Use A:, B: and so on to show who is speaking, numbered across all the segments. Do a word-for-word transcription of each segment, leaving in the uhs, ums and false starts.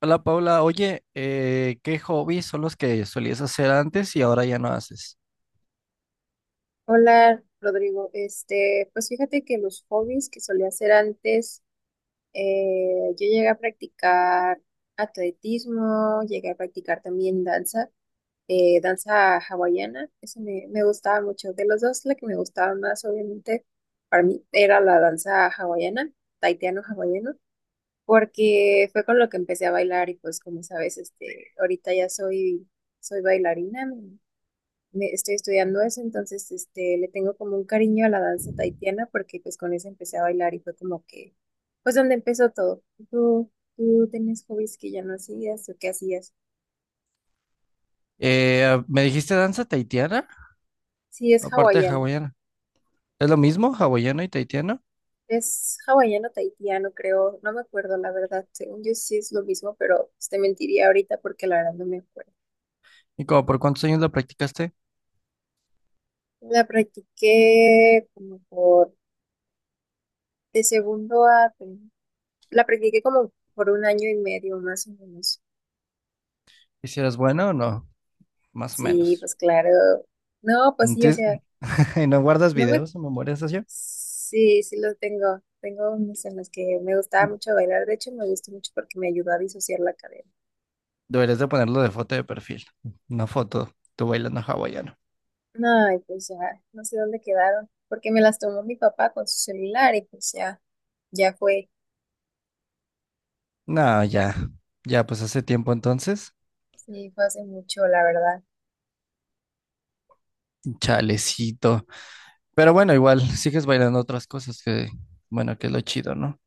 A: Hola Paula, oye, eh, ¿qué hobbies son los que solías hacer antes y ahora ya no haces?
B: Hola, Rodrigo. Este, pues fíjate que los hobbies que solía hacer antes, eh, yo llegué a practicar atletismo, llegué a practicar también danza, eh, danza hawaiana, eso me, me gustaba mucho. De los dos, la que me gustaba más, obviamente, para mí era la danza hawaiana, taitiano-hawaiano, porque fue con lo que empecé a bailar y pues como sabes, este, ahorita ya soy, soy bailarina, me- estoy estudiando eso, entonces este, le tengo como un cariño a la danza tahitiana porque pues con eso empecé a bailar y fue como que, pues donde empezó todo. ¿Tú, tú tenías hobbies que ya no hacías o qué hacías?
A: Eh, ¿me dijiste danza tahitiana?
B: Sí, es
A: Aparte de
B: hawaiano.
A: hawaiana. ¿Es lo mismo, hawaiano y tahitiano?
B: Es hawaiano tahitiano, creo. No me acuerdo, la verdad. Según yo sí es lo mismo, pero pues, te mentiría ahorita porque la verdad no me acuerdo.
A: ¿Y como por cuántos años lo practicaste?
B: La practiqué como por de segundo a... La practiqué como por un año y medio más o menos.
A: ¿Y si eras buena o no? Más o
B: Sí,
A: menos.
B: pues claro. No, pues sí, o
A: Entonces,
B: sea,
A: ¿y no guardas
B: no me...
A: videos o memorias así?
B: Sí, sí los tengo. Tengo unos en los que me gustaba mucho bailar. De hecho, me gustó mucho porque me ayudó a disociar la cadena.
A: Deberías de ponerlo de foto de perfil. Una foto, tú bailando hawaiano.
B: Ay, pues ya, no sé dónde quedaron. Porque me las tomó mi papá con su celular y pues ya, ya fue.
A: No, ya, ya, pues hace tiempo entonces.
B: Sí, fue hace mucho, la verdad.
A: Chalecito. Pero bueno, igual sigues bailando otras cosas que, bueno, que es lo chido, ¿no?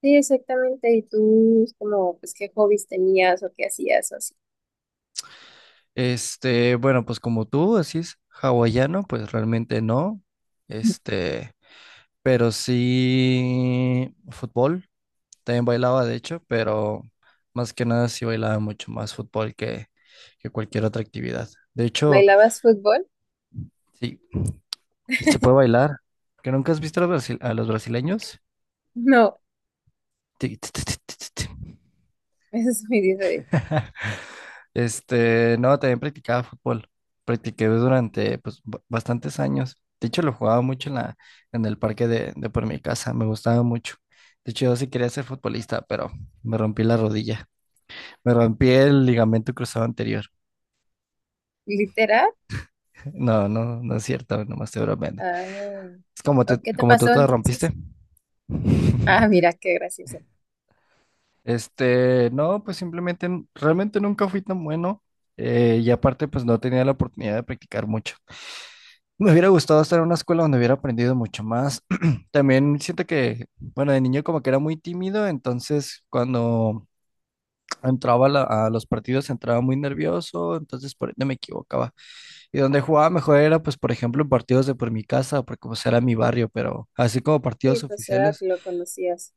B: Sí, exactamente. ¿Y tú, como, pues qué hobbies tenías o qué hacías o así?
A: Este, bueno, pues como tú decís, hawaiano, pues realmente no. Este, pero sí fútbol. También bailaba, de hecho, pero más que nada sí bailaba mucho más fútbol que, que cualquier otra actividad. De hecho,
B: ¿Bailabas fútbol?
A: sí, se puede bailar. ¿Que nunca has visto a los, brasi- a los brasileños?
B: No,
A: Tic, tic, tic, tic, tic, tic.
B: eso es muy diferente.
A: Este, no, también practicaba fútbol. Practiqué
B: Ujú.
A: durante pues, ba- bastantes años. De hecho, lo jugaba mucho en la, en el parque de, de por mi casa. Me gustaba mucho. De hecho, yo sí quería ser futbolista, pero me rompí la rodilla. Me rompí el ligamento cruzado anterior.
B: Literal.
A: No, no, no es cierto, nomás te bromeando.
B: Ah,
A: Es como, te,
B: ¿o ¿qué te
A: como tú
B: pasó
A: te lo
B: entonces?
A: rompiste.
B: Ah, mira, qué gracioso.
A: Este, no, pues simplemente n- realmente nunca fui tan bueno, eh, y aparte pues no tenía la oportunidad de practicar mucho. Me hubiera gustado estar en una escuela donde hubiera aprendido mucho más. También siento que, bueno, de niño como que era muy tímido, entonces cuando entraba a la- a los partidos entraba muy nervioso, entonces por ende me equivocaba. Y donde jugaba mejor era pues por ejemplo en partidos de por mi casa, porque pues era mi barrio, pero así como
B: Sí,
A: partidos
B: pues era
A: oficiales
B: que lo conocías.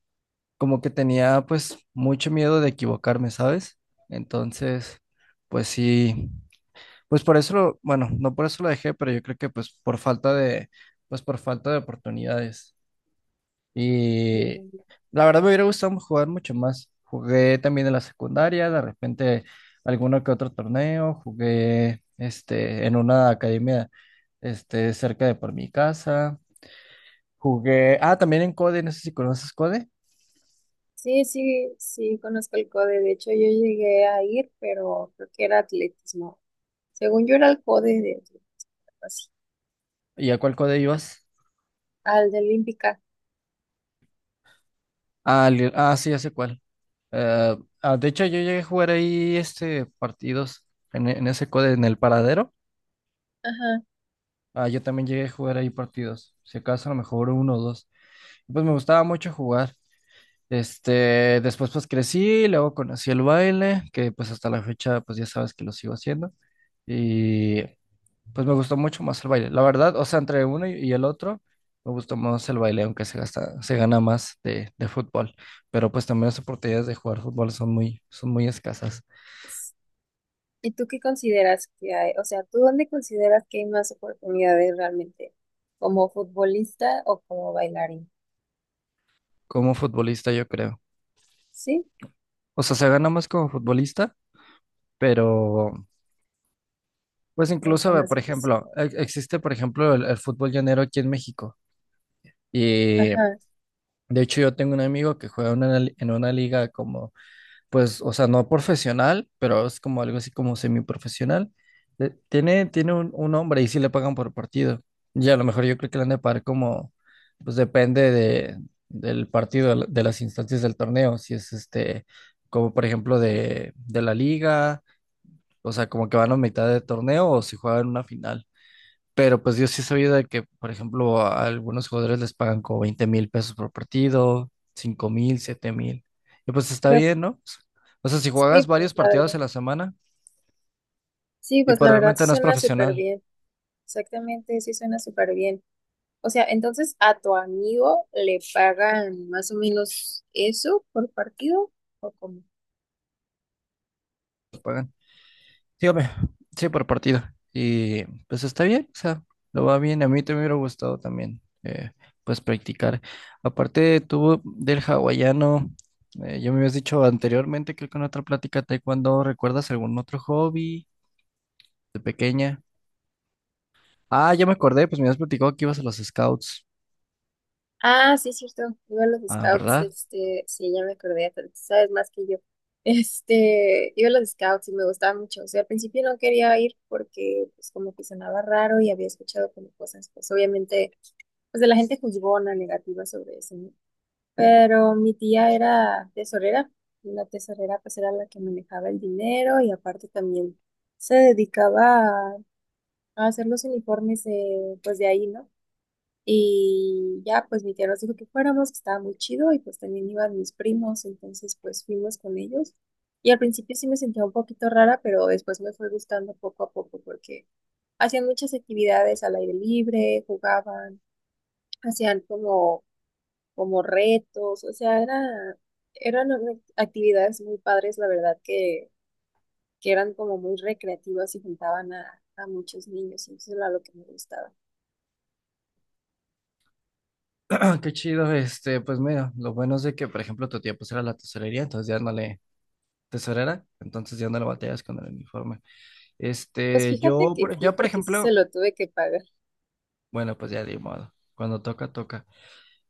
A: como que tenía pues mucho miedo de equivocarme, ¿sabes? Entonces, pues sí, pues por eso, lo- bueno, no por eso lo dejé, pero yo creo que pues por falta de, pues por falta de oportunidades. Y
B: Ujú.
A: la verdad me hubiera gustado jugar mucho más. Jugué también en la secundaria, de repente alguno que otro torneo, jugué este en una academia este cerca de por mi casa. Jugué, ah, también en CODE, no sé si conoces CODE.
B: Sí, sí, sí, conozco el CODE. De hecho, yo llegué a ir, pero creo que era atletismo. Según yo era el CODE de atletismo, así,
A: ¿Y a cuál CODE ibas?
B: al de Olímpica.
A: Ah, Lil- ah, sí, ya sé cuál. Eh, ah, de hecho, yo llegué a jugar ahí este partidos en, e- en ese code, en el paradero.
B: Ajá.
A: Ah, yo también llegué a jugar ahí partidos. Si acaso, a lo mejor uno o dos. Pues me gustaba mucho jugar. Este, después pues crecí, luego conocí el baile, que pues hasta la fecha pues ya sabes que lo sigo haciendo. Y pues me gustó mucho más el baile. La verdad, o sea, entre uno y y el otro, me gustó más el baile, aunque se gasta, se gana más de, de fútbol. Pero pues también las oportunidades de jugar fútbol son muy, son muy escasas.
B: ¿Y tú qué consideras que hay? O sea, ¿tú dónde consideras que hay más oportunidades realmente? ¿Como futbolista o como bailarín?
A: Como futbolista, yo creo.
B: Sí,
A: O sea, se gana más como futbolista, pero pues
B: está
A: incluso, eh,
B: más
A: por
B: difícil.
A: ejemplo, e- existe, por ejemplo, el, el fútbol llanero aquí en México. Y
B: Ajá.
A: de hecho yo tengo un amigo que juega en una li- en una liga como pues, o sea, no profesional, pero es como algo así como semiprofesional. Eh, Tiene, tiene un, un hombre y sí le pagan por partido. Y a lo mejor yo creo que le han de pagar como, pues depende de, del partido, de de las instancias del torneo, si es este, como por ejemplo de, de la liga, o sea, como que van a mitad de torneo o si juegan una final. Pero pues yo sí he sabido de que, por ejemplo, a algunos jugadores les pagan como veinte mil pesos por partido, cinco mil, siete mil. Y pues está
B: Pero
A: bien, ¿no? O sea, si juegas
B: sí, pues
A: varios
B: la verdad.
A: partidos en la semana
B: Sí,
A: y
B: pues
A: pues
B: la verdad
A: realmente
B: sí
A: no es
B: suena súper
A: profesional,
B: bien. Exactamente, sí suena súper bien. O sea, entonces a tu amigo le pagan más o menos eso por partido ¿o cómo?
A: te pagan. Dígame, sí, por partido. Y pues está bien, o sea, lo va bien. A mí te me hubiera gustado también, eh, pues practicar. Aparte, tú del hawaiano, eh, yo me habías dicho anteriormente, creo que en otra plática, taekwondo, ¿recuerdas algún otro hobby de pequeña? Ah, ya me acordé, pues me habías platicado que ibas a los scouts.
B: Ah, sí, es cierto. Iba a los
A: Ah,
B: scouts,
A: ¿verdad?
B: este, sí, ya me acordé, hasta tú sabes más que yo. Este, iba a los scouts y me gustaba mucho. O sea, al principio no quería ir porque pues como que sonaba raro y había escuchado como cosas, pues obviamente, pues de la gente juzgona, negativa sobre eso, ¿no? Pero mi tía era tesorera, y la tesorera pues era la que manejaba el dinero y aparte también se dedicaba a, a hacer los uniformes de, pues de ahí, ¿no? Y ya pues mi tía nos dijo que fuéramos, que estaba muy chido y pues también iban mis primos, entonces pues fuimos con ellos. Y al principio sí me sentía un poquito rara, pero después me fue gustando poco a poco porque hacían muchas actividades al aire libre, jugaban, hacían como como retos, o sea, era, eran una- actividades muy padres, la verdad, que, que eran como muy recreativas y juntaban a, a muchos niños, y eso era lo que me gustaba.
A: Qué chido, este, pues mira, lo bueno es de que, por ejemplo, tu tía pues era la tesorería, entonces ya no le, tesorera, entonces ya no le batallas con el uniforme.
B: Pues
A: Este,
B: fíjate
A: yo,
B: que
A: por-
B: sí,
A: ya por
B: porque sí se
A: ejemplo,
B: lo tuve que pagar.
A: bueno, pues ya de modo, cuando toca, toca.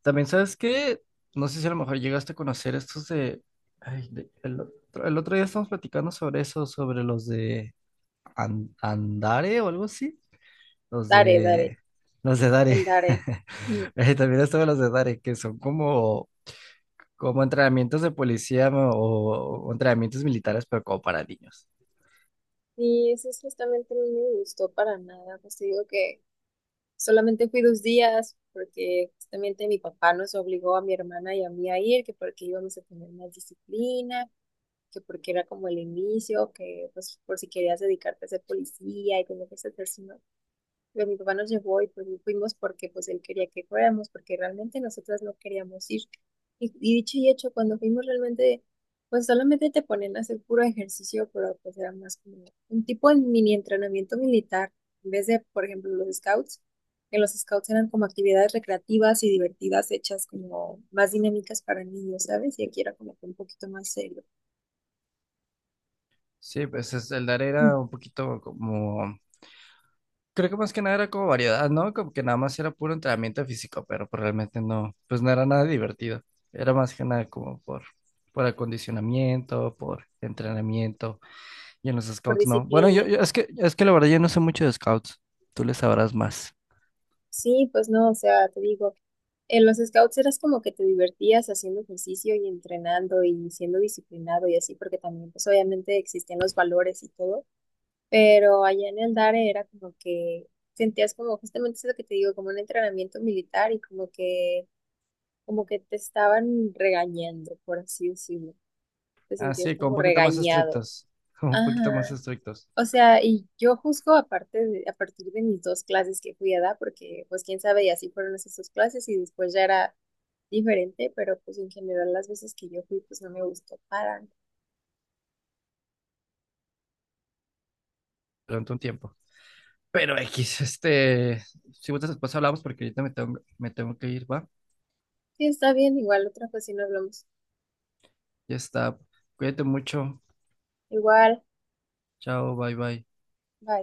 A: También, ¿sabes qué? No sé si a lo mejor llegaste a conocer estos de, ay, de- el otro, el otro día estamos platicando sobre eso, sobre los de An- Andare o algo así. Los
B: Daré, daré,
A: de. Los de Dare.
B: el daré. Ujú.
A: Eh, también estaban los de Dare, que son como, como entrenamientos de policía o, o entrenamientos militares, pero como para niños.
B: Y eso es justamente no me gustó para nada, pues te digo que solamente fui dos días, porque justamente mi papá nos obligó a mi hermana y a mí a ir, que porque íbamos a tener más disciplina, que porque era como el inicio, que pues por si querías dedicarte a ser policía y tenías que ser sino- Pero mi papá nos llevó y pues fuimos porque pues él quería que fuéramos, porque realmente nosotras no queríamos ir. Y, y dicho y hecho, cuando fuimos realmente, pues solamente te ponen a hacer puro ejercicio, pero pues era más como un tipo de mini entrenamiento militar, en vez de, por ejemplo, los scouts, que los scouts eran como actividades recreativas y divertidas hechas como más dinámicas para niños, ¿sabes? Y aquí era como que un poquito más serio.
A: Sí, pues es- el Dare
B: Mm.
A: era un poquito como. Creo que más que nada era como variedad, ¿no? Como que nada más era puro entrenamiento físico, pero pues realmente no, pues no era nada divertido. Era más que nada como por, por acondicionamiento, por entrenamiento. Y en los
B: Por
A: scouts no. Bueno, yo,
B: disciplina.
A: yo- es que, es que la verdad yo no sé mucho de scouts. Tú le sabrás más.
B: Sí, pues no, o sea, te digo, en los scouts eras como que te divertías haciendo ejercicio y entrenando y siendo disciplinado y así, porque también pues obviamente existían los valores y todo, pero allá en el DARE era como que sentías como justamente eso que te digo, como un entrenamiento militar y como que, como que te estaban regañando, por así decirlo, te sentías
A: Así, como un
B: como
A: poquito más
B: regañado.
A: estrictos, como un poquito más
B: Ajá.
A: estrictos
B: O sea, y yo juzgo aparte de- a partir de mis dos clases que fui a dar, porque pues quién sabe, y así fueron esas dos clases y después ya era diferente, pero pues en general las veces que yo fui pues no me gustó para nada.
A: durante un tiempo. Pero X, este, si gustas después hablamos porque ahorita me tengo, me tengo que ir, ¿va?
B: Sí, está bien, igual otra ocasión hablamos.
A: Ya está. Cuídate mucho.
B: Igual,
A: Chao, bye bye.
B: bye.